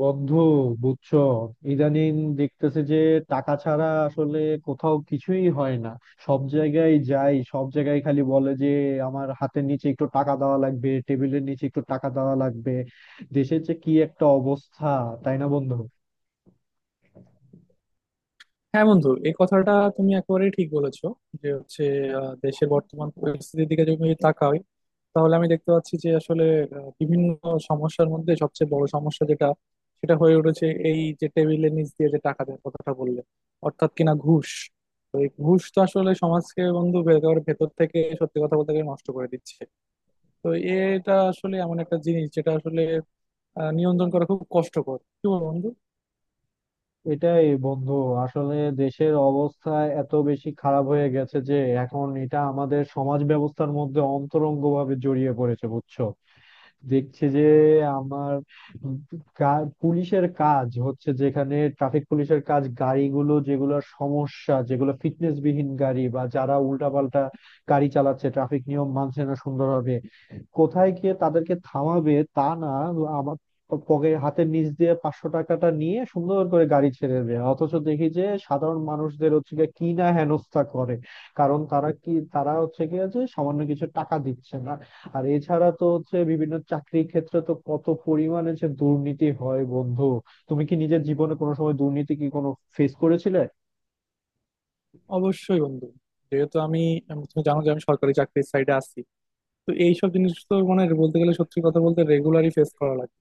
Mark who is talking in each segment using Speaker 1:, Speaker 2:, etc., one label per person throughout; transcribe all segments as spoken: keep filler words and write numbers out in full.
Speaker 1: বন্ধু, বুঝছো, ইদানিং দেখতেছে যে টাকা ছাড়া আসলে কোথাও কিছুই হয় না। সব জায়গায় যাই, সব জায়গায় খালি বলে যে আমার হাতের নিচে একটু টাকা দেওয়া লাগবে, টেবিলের নিচে একটু টাকা দেওয়া লাগবে। দেশের যে কি একটা অবস্থা, তাই না বন্ধু?
Speaker 2: হ্যাঁ বন্ধু, এই কথাটা তুমি একেবারেই ঠিক বলেছো যে হচ্ছে আহ, দেশের বর্তমান পরিস্থিতির দিকে যদি আমি তাকাই, তাহলে আমি দেখতে পাচ্ছি যে আসলে আহ, বিভিন্ন সমস্যার মধ্যে সবচেয়ে বড় সমস্যা যেটা, সেটা হয়ে উঠেছে এই যে টেবিলের নিচ দিয়ে যে টাকা দেওয়ার কথাটা বললে, অর্থাৎ কিনা ঘুষ। তো এই ঘুষ তো আসলে সমাজকে বন্ধু একেবারে ভেতর থেকে সত্যি কথা বলতে গেলে নষ্ট করে দিচ্ছে। তো এটা আসলে এমন একটা জিনিস যেটা আসলে আহ, নিয়ন্ত্রণ করা খুব কষ্টকর, কি বল বন্ধু?
Speaker 1: এটাই বন্ধু, আসলে দেশের অবস্থা এত বেশি খারাপ হয়ে গেছে যে এখন এটা আমাদের সমাজ ব্যবস্থার মধ্যে অন্তরঙ্গভাবে জড়িয়ে পড়েছে, বুঝছো। দেখছে যে আমার গা- পুলিশের কাজ হচ্ছে, যেখানে ট্রাফিক পুলিশের কাজ গাড়িগুলো যেগুলোর সমস্যা, যেগুলো ফিটনেস বিহীন গাড়ি বা যারা উল্টাপাল্টা গাড়ি চালাচ্ছে, ট্রাফিক নিয়ম মানছে না সুন্দরভাবে, কোথায় গিয়ে তাদেরকে থামাবে, তা না আমার পকেট হাতের নিচ দিয়ে পাঁচশো টাকাটা নিয়ে সুন্দর করে গাড়ি ছেড়ে দেবে। অথচ দেখি যে সাধারণ মানুষদের হচ্ছে গিয়ে কি না হেনস্থা করে, কারণ তারা কি? তারা হচ্ছে গিয়ে যে সামান্য কিছু টাকা দিচ্ছে না। আর এছাড়া তো হচ্ছে বিভিন্ন চাকরির ক্ষেত্রে তো কত পরিমাণে যে দুর্নীতি হয় বন্ধু। তুমি কি নিজের জীবনে কোনো সময় দুর্নীতি কি কোনো ফেস করেছিলে?
Speaker 2: অবশ্যই বন্ধু, যেহেতু আমি আম- তুমি জানো যে আমি সরকারি চাকরির সাইডে আছি, তো এইসব জিনিস তো মানে বলতে গেলে সত্যি কথা বলতে রেগুলারই ফেস করা লাগে,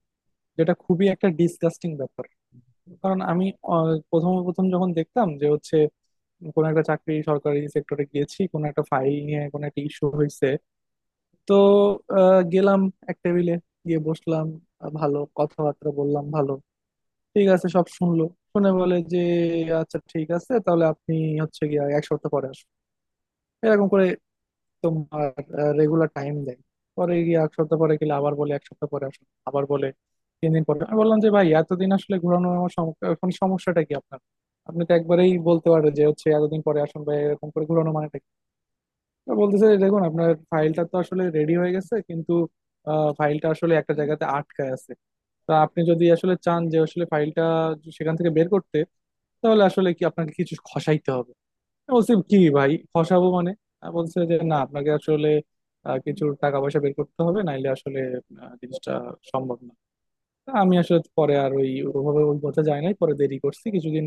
Speaker 2: যেটা খুবই একটা ডিসগাস্টিং ব্যাপার। কারণ আমি আহ, প্রথম প্রথম যখন দেখতাম যে হচ্ছে কোন একটা চাকরি সরকারি সেক্টরে গিয়েছি, কোন একটা ফাইল নিয়ে কোন একটা ইস্যু হয়েছে, তো আহ, গেলাম এক টেবিলে গিয়ে বসলাম, আহ, ভালো কথাবার্তা বললাম ভালো, ঠিক আছে, সব শুনলো। শুনে বলে যে আচ্ছা ঠিক আছে, তাহলে আপনি হচ্ছে গিয়ে এক সপ্তাহ পরে আসুন। এরকম করে তোমার রেগুলার টাইম দেয়। পরে গিয়ে এক সপ্তাহ পরে গেলে আবার বলে এক সপ্তাহ পরে আসুন, আবার বলে তিন দিন পরে। আমি বললাম যে ভাই এতদিন আসলে ঘোরানো, আমার সম- এখন সমস্যাটা কি আপনার? আপনি তো একবারেই বলতে পারেন যে হচ্ছে এতদিন পরে আসুন, বা এরকম করে ঘোরানো মানেটা কি? তো বলতেছে যে, দেখুন আপনার ফাইলটা তো আসলে রেডি হয়ে গেছে, কিন্তু ফাইলটা আসলে একটা জায়গাতে আটকায় আছে। তা আপনি যদি আসলে চান যে আসলে ফাইলটা সেখান থেকে বের করতে, তাহলে আসলে কি আপনাকে কিছু খসাইতে হবে। বলছি কি ভাই, ফসাবো মানে? আহ বলছে যে না আপনাকে আসলে আহ, কিছু টাকা পয়সা বের করতে হবে, নাইলে আসলে আহ, জিনিসটা সম্ভব না। তা আমি আসলে পরে আর ওই ওভাবে ওই পথে যাই নাই, পরে দেরি করছি কিছুদিন,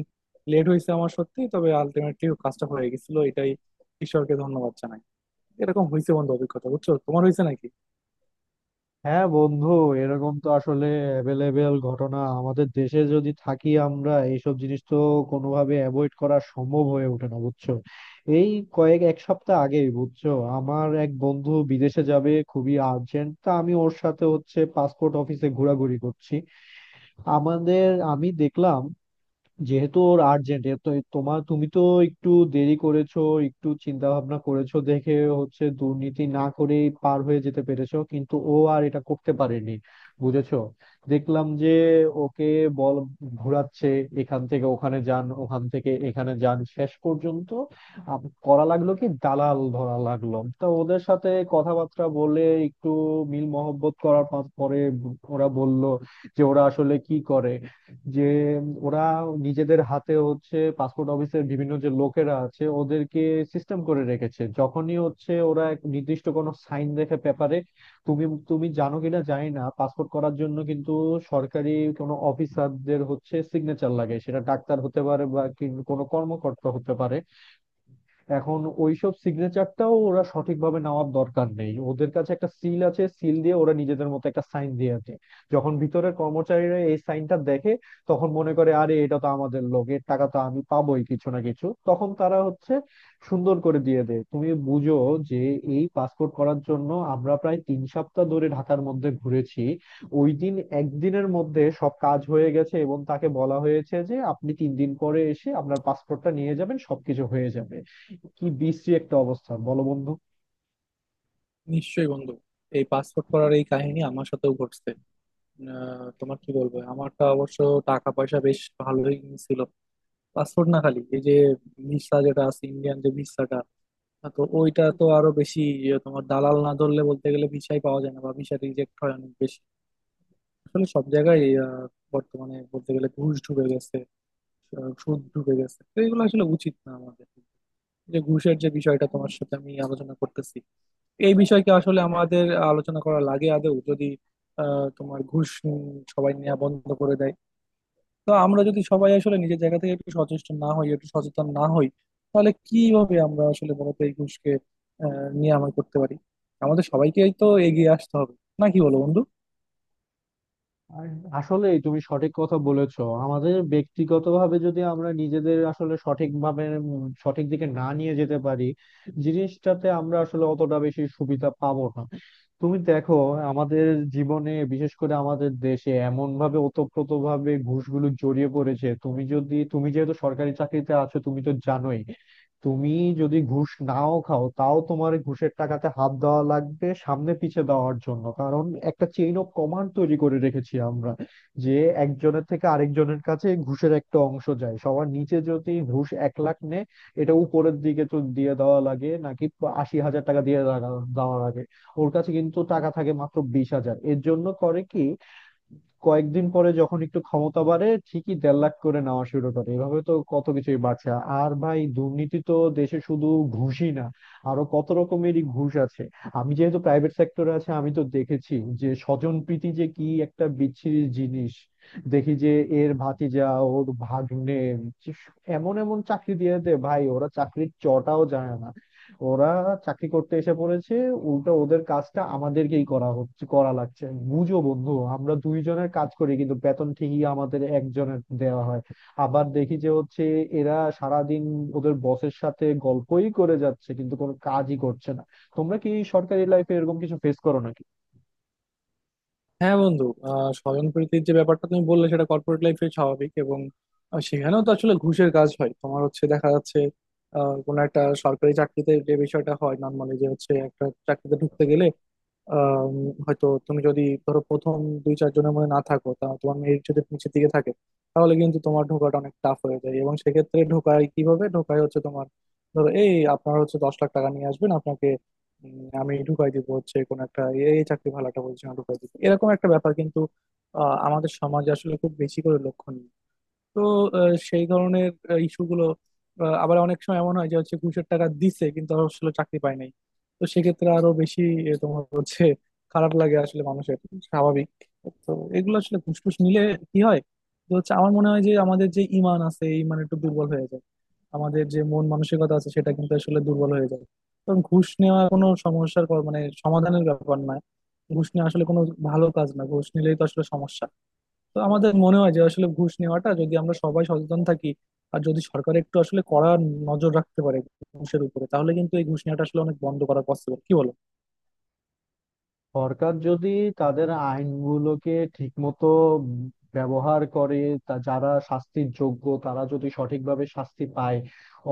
Speaker 2: লেট হয়েছে আমার সত্যি, তবে আলটিমেটলি কাজটা হয়ে গেছিল, এটাই ঈশ্বরকে ধন্যবাদ জানাই। এরকম হয়েছে বন্ধু অভিজ্ঞতা, বুঝছো? তোমার হয়েছে নাকি?
Speaker 1: হ্যাঁ বন্ধু, এরকম তো আসলে অ্যাভেলেবেল ঘটনা, আমাদের দেশে যদি থাকি আমরা এইসব জিনিস তো কোনোভাবে অ্যাভয়েড করা সম্ভব হয়ে ওঠে না, বুঝছো। এই কয়েক এক সপ্তাহ আগেই বুঝছো আমার এক বন্ধু বিদেশে যাবে, খুবই আর্জেন্ট, তা আমি ওর সাথে হচ্ছে পাসপোর্ট অফিসে ঘোরাঘুরি করছি। আমাদের আমি দেখলাম, যেহেতু ওর আর্জেন্ট তো তোমার তুমি তো একটু দেরি করেছো, একটু চিন্তা ভাবনা করেছো দেখে হচ্ছে দুর্নীতি না করেই পার হয়ে যেতে পেরেছো, কিন্তু ও আর এটা করতে পারেনি, বুঝেছো। দেখলাম যে ওকে বল ঘোরাচ্ছে, এখান থেকে ওখানে যান, ওখান থেকে এখানে যান, শেষ পর্যন্ত আম- করা লাগলো কি, দালাল ধরা লাগলো। তা ওদের সাথে কথাবার্তা বলে একটু মিল মহব্বত করার পর- পরে ওরা বলল যে ওরা আসলে কি করে, যে ওরা নিজেদের হাতে হচ্ছে পাসপোর্ট অফিসের বিভিন্ন যে লোকেরা আছে ওদেরকে সিস্টেম করে রেখেছে। যখনই হচ্ছে ওরা এক নির্দিষ্ট কোনো সাইন দেখে পেপারে। তুমি তুমি জানো কিনা জানি না, পাসপোর্ট করার জন্য কিন্তু সরকারি কোনো অফিসারদের হচ্ছে সিগনেচার লাগে, সেটা ডাক্তার হতে পারে বা কি- কোনো কর্মকর্তা হতে পারে। এখন ওইসব সিগনেচারটাও ওরা সঠিকভাবে নেওয়ার দরকার নেই, ওদের কাছে একটা সিল আছে, সিল দিয়ে ওরা নিজেদের মতো একটা সাইন দিয়ে আছে। যখন ভিতরের কর্মচারীরা এই সাইনটা দেখে তখন মনে করে আরে এটা তো আমাদের লোক, এর টাকা তো আমি পাবোই কিছু না কিছু, তখন তারা হচ্ছে সুন্দর করে দিয়ে দেয়। তুমি বুঝো যে এই পাসপোর্ট করার জন্য আমরা প্রায় তিন সপ্তাহ ধরে ঢাকার মধ্যে ঘুরেছি। ওই দিন একদিনের মধ্যে সব কাজ হয়ে গেছে এবং তাকে বলা হয়েছে যে আপনি তিন দিন পরে এসে আপনার পাসপোর্টটা নিয়ে যাবেন, সবকিছু হয়ে যাবে। কি বিশ্রী একটা অবস্থা, বলো বন্ধু।
Speaker 2: নিশ্চয়ই বন্ধু, এই পাসপোর্ট করার এই কাহিনী আমার সাথেও ঘটছে। আহ, তোমার কি বলবো, আমারটা অবশ্য টাকা পয়সা বেশ ভালোই ছিল। পাসপোর্ট না, খালি এই যে ভিসা যেটা আছে, ইন্ডিয়ান যে ভিসাটা, হ্যাঁ, তো ওইটা তো আরো বেশি ইয়ে, তোমার দালাল না ধরলে বলতে গেলে ভিসাই পাওয়া যায় না, বা ভিসা রিজেক্ট হয় অনেক বেশি। আসলে সব জায়গায় আহ, বর্তমানে বলতে গেলে ঘুষ ঢুকে গেছে, আহ, সুদ ঢুকে গেছে, তো এগুলো আসলে উচিত না আমাদের। যে ঘুষের যে বিষয়টা তোমার সাথে আমি আলোচনা করতেছি, এই বিষয়কে আসলে আমাদের আলোচনা করা লাগে আদৌ যদি আহ তোমার ঘুষ উম, সবাই নেওয়া বন্ধ করে দেয়। তো আমরা যদি সবাই আসলে নিজের জায়গা থেকে একটু সচেষ্ট না হই, একটু সচেতন না হই, তাহলে কিভাবে আমরা আসলে মূলত এই ঘুষকে আহ নিরাময় করতে পারি? আমাদের সবাইকেই তো এগিয়ে আসতে হবে, না কি বলো বন্ধু?
Speaker 1: আর আসলে তুমি সঠিক কথা বলেছো, আমাদের ব্যক্তিগতভাবে যদি আমরা নিজেদের আসলে সঠিকভাবে উম, সঠিক দিকে না নিয়ে যেতে পারি, জিনিসটাতে আমরা আসলে অতটা বেশি সুবিধা পাবো না। তুমি দেখো আমাদের জীবনে বিশেষ করে আমাদের দেশে এমন ভাবে ওতপ্রোত ভাবে ঘুষগুলো জড়িয়ে পড়েছে। তুমি যদি তুমি যেহেতু সরকারি চাকরিতে আছো তুমি তো জানোই। তুমি যদি ঘুষ নাও খাও, তাও তোমার এই ঘুষের টাকাতে হাত দেওয়া লাগবে সামনে পিছে দেওয়ার জন্য, কারণ একটা চেইন অফ কমান্ড তৈরি করে রেখেছি আমরা, যে একজনের থেকে আরেকজনের কাছে ঘুষের একটা অংশ যায়। সবার নিচে যদি ঘুষ এক লাখ নেয়, এটা উপরের দিকে তো দিয়ে দেওয়া লাগে নাকি, আশি হাজার টাকা দিয়ে দেওয়া দেওয়া লাগে। ওর কাছে কিন্তু টাকা থাকে মাত্র বিশ হাজার, এর জন্য করে কি, কয়েকদিন পরে যখন একটু ক্ষমতা বাড়ে ঠিকই দেড় লাখ করে নেওয়া শুরু করে। এভাবে তো কত কিছুই বাড়ছে। আর ভাই দুর্নীতি তো দেশে শুধু ঘুষই না, আরো কত রকমেরই ঘুষ আছে। আমি যেহেতু প্রাইভেট সেক্টরে আছে, আমি তো দেখেছি যে স্বজনপ্রীতি যে কি একটা বিচ্ছিরি জিনিস। দেখি যে এর ভাতিজা, ওর ভাগ্নে, যে এমন এমন চাকরি দিয়ে দে ভাই। ওরা চাকরির চটাও জানে না, ওরা চাকরি করতে এসে পড়েছে। উল্টো ওদের কাজটা আমাদেরকেই করা হচ্ছে করা লাগছে। বুঝো বন্ধু আমরা দুইজনের কাজ করি কিন্তু বেতন ঠিকই আমাদের একজনের দেওয়া হয়। আবার দেখি যে হচ্ছে এরা সারাদিন ওদের বসের সাথে গল্পই করে যাচ্ছে কিন্তু কোনো কাজই করছে না। তোমরা কি সরকারি লাইফে এরকম কিছু ফেস করো নাকি?
Speaker 2: হ্যাঁ বন্ধু, আহ স্বজনপ্রীতির যে ব্যাপারটা তুমি বললে, সেটা কর্পোরেট লাইফে স্বাভাবিক, এবং আহ, সেখানেও তো আসলে ঘুষের কাজ হয়। তোমার হচ্ছে দেখা যাচ্ছে আহ কোনো একটা সরকারি চাকরিতে যে বিষয়টা হয় নর্মালি, যে হচ্ছে একটা চাকরিতে ঢুকতে গেলে, আম, হয়তো তুমি যদি ধরো প্রথম দুই চারজনের মধ্যে না থাকো, তা তোমার মেরিট যদি নিচের দিকে থাকে, তাহলে কিন্তু তোমার ঢোকাটা অনেক টাফ হয়ে যায়। এবং সেক্ষেত্রে ঢোকায় কিভাবে ঢোকায়, হচ্ছে তোমার ধরো এই আপনার হচ্ছে দশ লাখ টাকা নিয়ে আসবেন আপনাকে, উম, আমি ঢুকাই দিব হচ্ছে কোন একটা এই চাকরি ভালো একটা পজিশনে ঢুকাই দিব, এরকম একটা ব্যাপার কিন্তু আহ, আমাদের সমাজে আসলে খুব বেশি করে লক্ষণীয়, তো আহ, সেই ধরনের ইস্যুগুলো। আবার অনেক সময় এমন হয় যে হচ্ছে ঘুষের টাকা দিছে কিন্তু আর আসলে চাকরি পায় নাই, তো সেক্ষেত্রে আরো বেশি আহ, তোমার হচ্ছে খারাপ লাগে আসলে মানুষের, স্বাভাবিক। তো এগুলো আসলে ঘুষ টুস নিলে কি হয়, তো হচ্ছে আমার মনে হয় যে আমাদের যে ইমান আছে, এই ইমান একটু দুর্বল হয়ে যায়, আমাদের যে মন মানসিকতা আছে সেটা কিন্তু আসলে দুর্বল হয়ে যায়। কারণ ঘুষ নেওয়া কোনো সমস্যার ক- মানে সমাধানের ব্যাপার না, ঘুষ নেওয়া আসলে কোনো ভালো কাজ না, ঘুষ নিলেই তো আসলে সমস্যা। তো আমাদের মনে হয় যে আসলে ঘুষ নেওয়াটা যদি আমরা সবাই সচেতন থাকি, আর যদি সরকার একটু আসলে কড়া নজর রাখতে পারে ঘুষের উপরে, তাহলে কিন্তু এই ঘুষ নেওয়াটা আসলে অনেক বন্ধ করা পসিবল, কি বলো?
Speaker 1: সরকার যদি তাদের আইনগুলোকে ঠিকমতো ব্যবহার করে, তা যারা শাস্তির যোগ্য তারা যদি সঠিকভাবে শাস্তি পায়,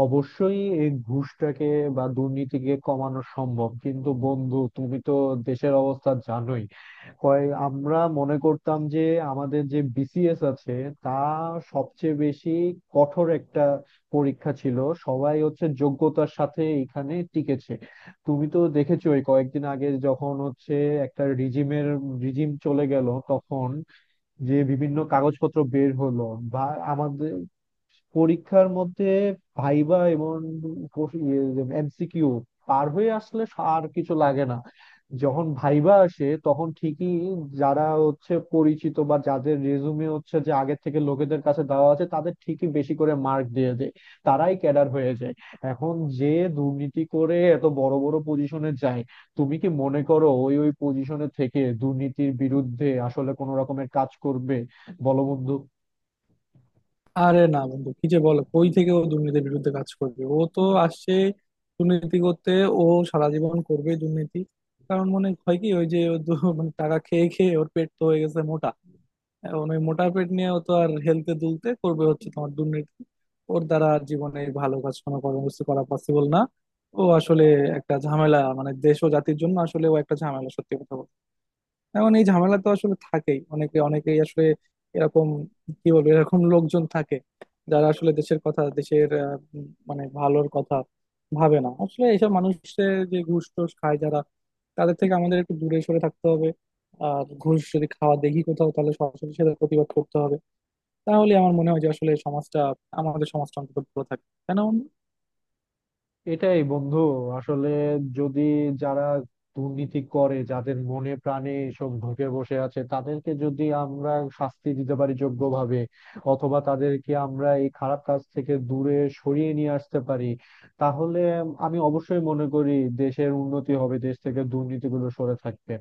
Speaker 1: অবশ্যই এই ঘুষটাকে বা দুর্নীতিকে কমানো সম্ভব। কিন্তু বন্ধু তুমি তো দেশের অবস্থা জানোই। কয় আমরা মনে করতাম যে আমাদের যে বিসিএস আছে তা সবচেয়ে বেশি কঠোর একটা পরীক্ষা ছিল, সবাই হচ্ছে যোগ্যতার সাথে এখানে টিকেছে। তুমি তো দেখেছো ওই কয়েকদিন আগে যখন হচ্ছে একটা রিজিমের রিজিম চলে গেল, তখন যে বিভিন্ন কাগজপত্র বের হলো বা আমাদের পরীক্ষার মধ্যে ভাইবা এবং এমসিকিউ পার হয়ে আসলে আর কিছু লাগে না। যখন ভাইবা আসে তখন ঠিকই যারা হচ্ছে পরিচিত বা যাদের রেজুমে হচ্ছে যে আগের থেকে লোকেদের কাছে দেওয়া আছে, তাদের ঠিকই বেশি করে মার্ক দিয়ে দেয়, তারাই ক্যাডার হয়ে যায়। এখন যে দুর্নীতি করে এত বড় বড় পজিশনে যায়, তুমি কি মনে করো ওই ওই পজিশনে থেকে দুর্নীতির বিরুদ্ধে আসলে কোনো রকমের কাজ করবে? বলো বন্ধু।
Speaker 2: আরে না বন্ধু, কি যে বলো, কই থেকে ও দুর্নীতির বিরুদ্ধে কাজ করবে, ও তো আসছে দুর্নীতি করতে। ও সারা জীবন করবে দুর্নীতি, কারণ মনে হয় কি, ওই যে ও দু- মানে টাকা খেয়ে খেয়ে ওর পেট তো হয়ে গেছে মোটা, এখন ওই মোটা পেট নিয়েও তো আর হেলতে দুলতে করবে হচ্ছে তোমার দুর্নীতি। ওর দ্বারা জীবনে ভালো কাজ কোনো কর্মসূচি করা পসিবল না, ও আসলে একটা ঝামেলা, মানে দেশ ও জাতির জন্য আসলে ও একটা ঝামেলা সত্যি কথা বলতে। এখন এই ঝামেলা তো আসলে থাকেই, অনেকে অনেকেই আসলে এরকম, কি বলবো, এরকম লোকজন থাকে যারা আসলে দেশের কথা, দেশের আহ, উম, মানে ভালোর কথা ভাবে না। আসলে এইসব মানুষের যে ঘুষ টুস খায় যারা, তাদের থেকে আমাদের একটু দূরে সরে থাকতে হবে, আর ঘুষ যদি খাওয়া দেখি কোথাও তাহলে সরাসরি সেটা প্রতিবাদ করতে হবে। তাহলে আমার মনে হয় যে আসলে সমাজটা, আমাদের সমাজটা অন্তত ভালো থাকে কেন।
Speaker 1: এটাই বন্ধু, আসলে যদি যারা দুর্নীতি করে, যাদের মনে প্রাণে এসব ঢুকে বসে আছে, তাদেরকে যদি আমরা শাস্তি দিতে পারি যোগ্যভাবে, অথবা তাদেরকে আমরা এই খারাপ কাজ থেকে দূরে সরিয়ে নিয়ে আসতে পারি, তাহলে আমি অবশ্যই মনে করি দেশের উন্নতি হবে, দেশ থেকে দুর্নীতিগুলো সরে থাকবে।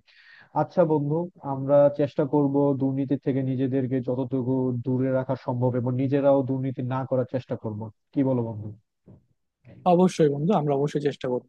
Speaker 1: আচ্ছা বন্ধু, আমরা চেষ্টা করব দুর্নীতি থেকে নিজেদেরকে যতটুকু দূরে রাখা সম্ভব এবং নিজেরাও দুর্নীতি না করার চেষ্টা করব। কি বলো বন্ধু?
Speaker 2: অবশ্যই বন্ধু, আমরা অবশ্যই চেষ্টা করবো।